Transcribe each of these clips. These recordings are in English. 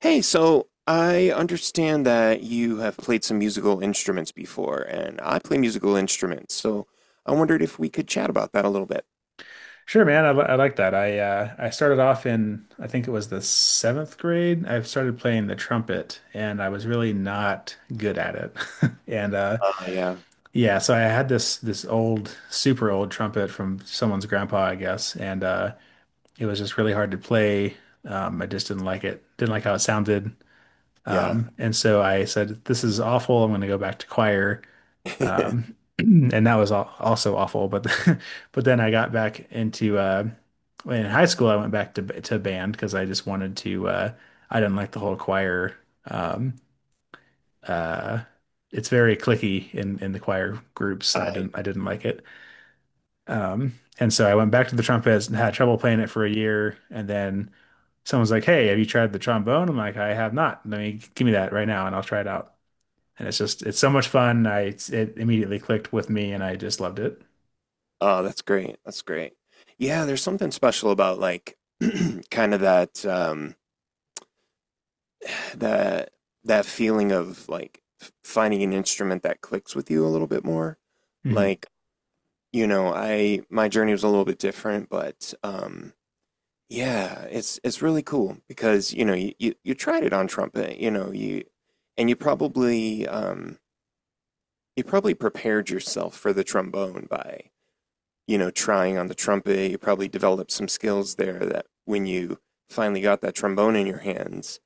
Hey, so I understand that you have played some musical instruments before, and I play musical instruments, so I wondered if we could chat about that a little bit. Sure, man. I like that. I started off in I think it was the seventh grade. I started playing the trumpet, and I was really not good at it. And Uh, yeah, yeah, so I had this old, super old trumpet from someone's grandpa, I guess, and it was just really hard to play. I just didn't like it. Didn't like how it sounded. yeah. And so I said, "This is awful. I'm going to go back to choir." And that was al also awful. But but then I got back into in high school. I went back to band because I just wanted to. I didn't like the whole choir. Um, uh, it's very clicky in the choir groups, and I I, didn't I didn't like it. Um, and so I went back to the trumpet and had trouble playing it for a year, and then. Someone's like, "Hey, have you tried the trombone?" I'm like, "I have not. Let me Give me that right now, and I'll try it out." And it's so much fun. I It immediately clicked with me and I just loved it. oh, that's great. That's great. Yeah, there's something special about like, kind of that, that that feeling of like finding an instrument that clicks with you a little bit more. Hmm. Like, you know, I my journey was a little bit different, but, yeah, it's really cool because you know you tried it on trumpet, you know you, and you probably prepared yourself for the trombone by you know trying on the trumpet. You probably developed some skills there that when you finally got that trombone in your hands,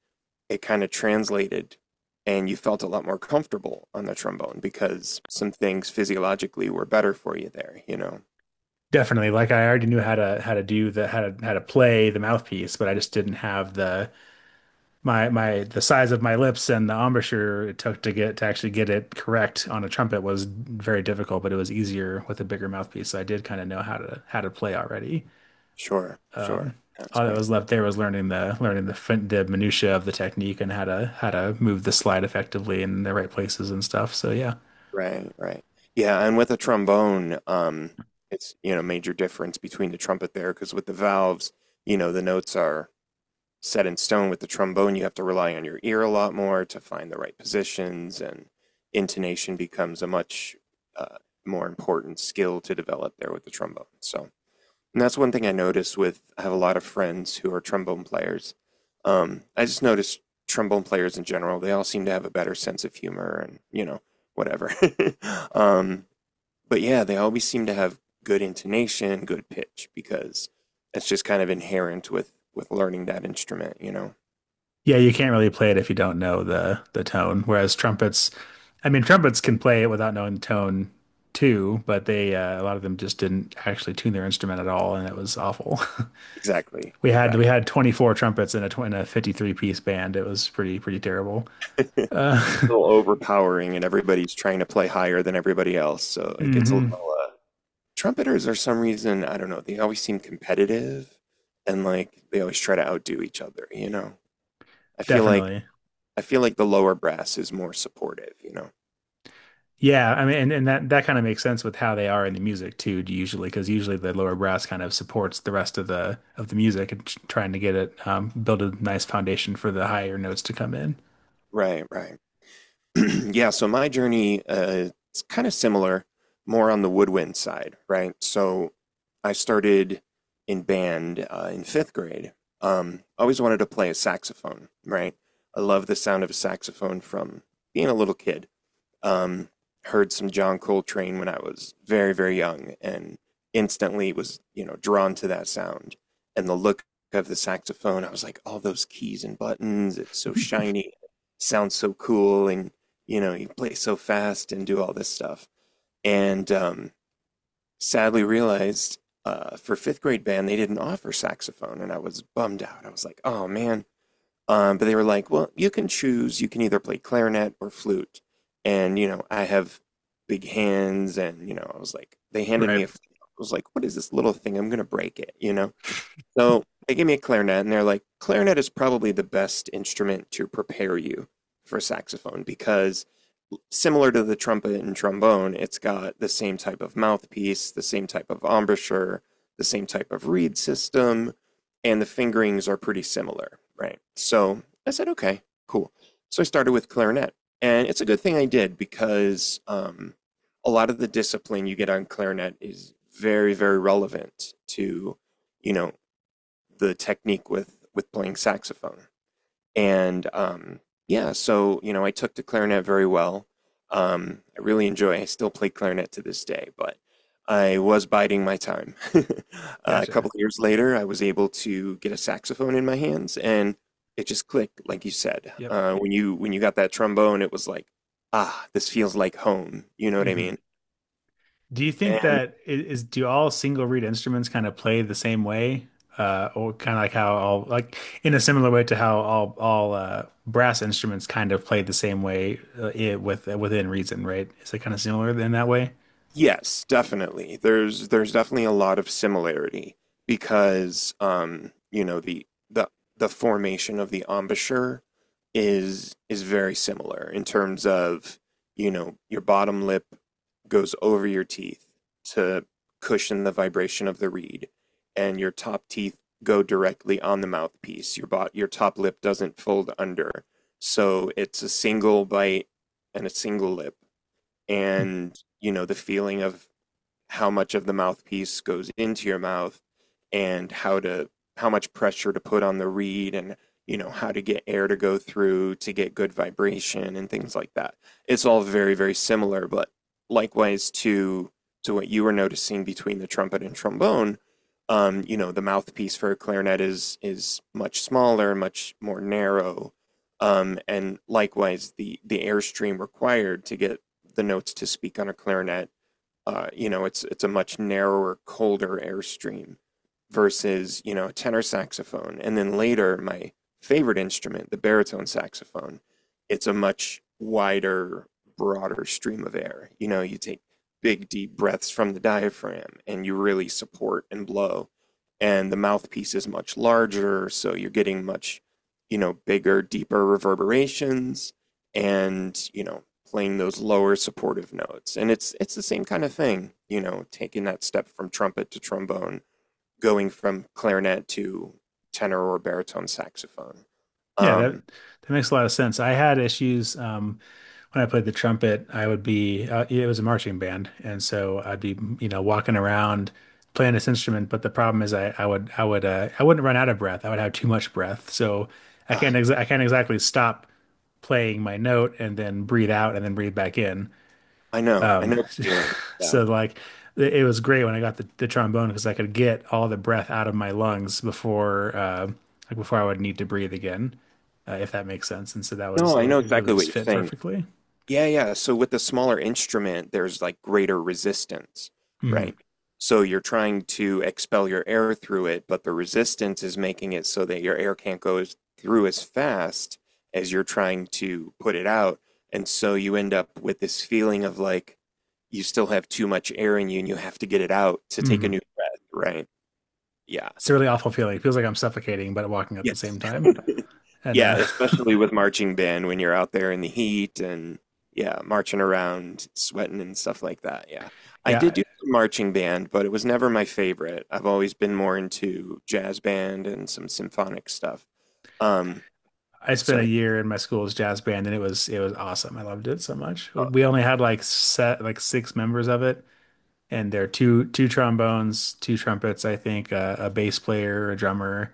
it kind of translated, and you felt a lot more comfortable on the trombone because some things physiologically were better for you there. You know, Definitely. Like I already knew how to do the how to play the mouthpiece, but I just didn't have the my my the size of my lips and the embouchure it took to get to actually get it correct on a trumpet was very difficult, but it was easier with a bigger mouthpiece. So I did kind of know how to play already. sure, sure, that's All that great. was left there was learning the minutia of the technique and how to move the slide effectively in the right places and stuff. So yeah. Right, right. Yeah, and with a trombone, it's, you know, major difference between the trumpet there, because with the valves, you know, the notes are set in stone. With the trombone, you have to rely on your ear a lot more to find the right positions, and intonation becomes a much uh, more important skill to develop there with the trombone. So, and that's one thing I notice with I have a lot of friends who are trombone players. I just noticed trombone players in general, they all seem to have a better sense of humor and, you know, whatever. um, but yeah, they always seem to have good intonation, good pitch because it's just kind of inherent with learning that instrument, you know. Yeah, you can't really play it if you don't know the tone. Whereas trumpets, I mean, trumpets can play it without knowing the tone too, but they a lot of them just didn't actually tune their instrument at all, and it was awful. Exactly. We had Exactly. we had 24 trumpets in in a 53-piece band. It was pretty pretty terrible. A Uh, little overpowering and everybody's trying to play higher than everybody else, so it gets a hmm, little trumpeters are some reason I don't know. They always seem competitive, and like they always try to outdo each other. You know, I feel like definitely. I feel like the lower brass is more supportive. You know, Yeah, I mean, and that kind of makes sense with how they are in the music too, usually, because usually the lower brass kind of supports the rest of the music and trying to get it build a nice foundation for the higher notes to come in. right, right, yeah. So my journey, it's kind of similar, more on the woodwind side, right? So I started in band in fifth grade. Always wanted to play a saxophone, right? I love the sound of a saxophone from being a little kid. Um, heard some John Coltrane when I was very, very young and instantly was, you know, drawn to that sound. And the look of the saxophone, I was like, all those keys and buttons, it's so shiny, sounds so cool. And, you know, you play so fast and do all this stuff. And sadly realized for fifth grade band, they didn't offer saxophone. And I was bummed out. I was like, oh man, but they were like, well, you can choose. You can either play clarinet or flute. And, you know, I have big hands. And, you know, I was like, they handed Right. me a, flute. I was like, what is this little thing? I'm going to break it, you know? So they gave me a clarinet and they're like, clarinet is probably the best instrument to prepare you for saxophone because similar to the trumpet and trombone, it's got the same type of mouthpiece, the same type of embouchure, the same type of reed system, and the fingerings are pretty similar, right? So I said, okay, cool. So I started with clarinet. And it's a good thing I did because a lot of the discipline you get on clarinet is very, very relevant to, you know, the technique with playing saxophone. And yeah, so you know, I took to clarinet very well. I really enjoy. I still play clarinet to this day, but I was biding my time. A Gotcha. couple of years later, I was able to get a saxophone in my hands, and it just clicked, like you said. Yep. When you got that trombone, it was like, ah, this feels like home. You know what I Hmm. mean? Do you think that I- is do all single reed instruments kind of play the same way, or kind of like how all like in a similar way to how all brass instruments kind of play the same way with within reason, right? Is it kind of similar in that way? Yes, definitely. There's definitely a lot of similarity because you know, the formation of the embouchure is very similar in terms of, you know, your bottom lip goes over your teeth to cushion the vibration of the reed, and your top teeth go directly on the mouthpiece. Your top lip doesn't fold under. So it's a single bite and a single lip and you know the feeling of how much of the mouthpiece goes into your mouth and how much pressure to put on the reed and you know how to get air to go through to get good vibration and things like that, it's all very, very similar, but likewise to what you were noticing between the trumpet and trombone, um, you know the mouthpiece for a clarinet is much smaller, much more narrow. Um, and likewise, the airstream required to get the notes to speak on a clarinet, you know, it's a much narrower, colder airstream versus you know a tenor saxophone, and then later my favorite instrument, the baritone saxophone, it's a much wider, broader stream of air. You know, you take big deep breaths from the diaphragm and you really support and blow, and the mouthpiece is much larger, so you're getting much, you know, bigger, deeper reverberations. And you know, playing those lower supportive notes. And it's the same kind of thing, you know, taking that step from trumpet to trombone, going from clarinet to tenor or baritone saxophone. Yeah, that Um, that makes a lot of sense. I had issues when I played the trumpet. I would be yeah, it was a marching band, and so I'd be you know walking around playing this instrument. But the problem is, I would I wouldn't run out of breath. I would have too much breath, so ah, I can't exactly stop playing my note and then breathe out and then breathe back in. I know the feeling. Yeah. So like it was great when I got the trombone because I could get all the breath out of my lungs before before I would need to breathe again, if that makes sense. And so that was No, I know it really exactly what just you're fit saying. perfectly. Yeah, yeah. So with the smaller instrument, there's like greater resistance, right? Hmm. So you're trying to expel your air through it, but the resistance is making it so that your air can't go as- through as fast as you're trying to put it out. And so you end up with this feeling of like you still have too much air in you and you have to get it out to take a Hmm. new breath, right? Yeah. It's a really awful feeling. It feels like I'm suffocating but walking at Yes. the same time. And Yeah, especially with marching band when you're out there in the heat and yeah, marching around, sweating and stuff like that. Yeah. I yeah, did do some marching band, but it was never my favorite. I've always been more into jazz band and some symphonic stuff. Um, I spent so a year in my school's jazz band and it was awesome. I loved it so much. We only had like set like six members of it. And there are two trombones, two trumpets, I think, a bass player, a drummer,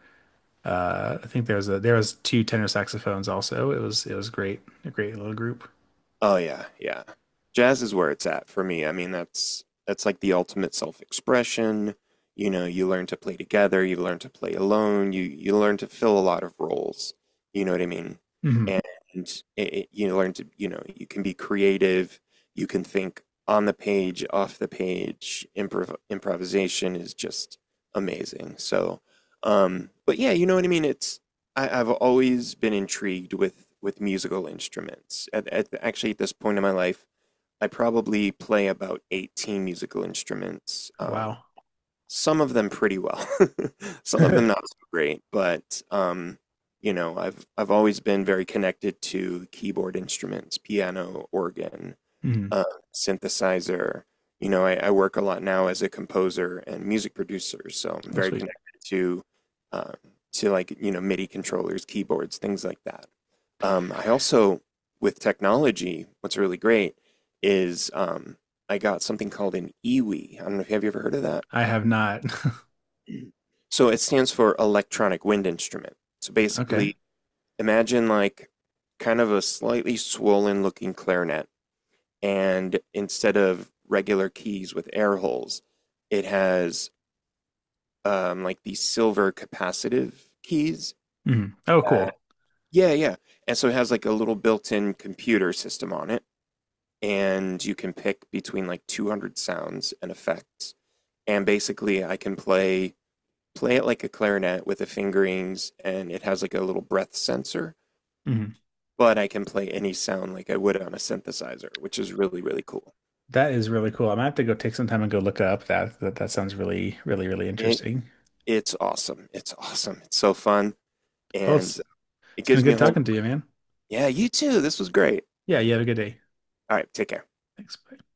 uh, I think there was a there was two tenor saxophones also. It was great, a great little group. oh yeah, yeah. Jazz is where it's at for me. I mean, that's like the ultimate self-expression. You know, you learn to play together, you learn to play alone, you learn to fill a lot of roles. You know what I mean? Hmm. And you learn to, you know, you can be creative, you can think on the page, off the page. Improvisation is just amazing. So, but yeah, you know what I mean? It's, I've always been intrigued with musical instruments. At actually at this point in my life, I probably play about 18 musical instruments. Oh, wow. Some of them pretty well, some of them not so great, but you know, I've always been very connected to keyboard instruments, piano, organ, Hmm. uh, synthesizer. You know, I work a lot now as a composer and music producer, so I'm Oh, very sweet. connected to um, to like you know MIDI controllers, keyboards, things like that. I also, with technology, what's really great is I got something called an EWI. I don't know if have you ever heard of that. I have not. So it stands for electronic wind instrument. So Okay. basically, imagine like kind of a slightly swollen looking clarinet, and instead of regular keys with air holes, it has like these silver capacitive keys. Hmm. Oh, Uh, cool. yeah, yeah. And so it has like a little built-in computer system on it, and you can pick between like 200 sounds and effects. And basically, I can play it like a clarinet with the fingerings, and it has like a little breath sensor. Hmm. But I can play any sound like I would on a synthesizer, which is really, really cool. That is really cool. I am gonna have to go take some time and go look up. That sounds really really really It, interesting. it's awesome. It's awesome. It's so fun. Well, And it it's been gives me a good whole, talking to you, like, man. yeah, you too. This was great. Yeah, you have a good day. All right, take care. Thanks. Bye.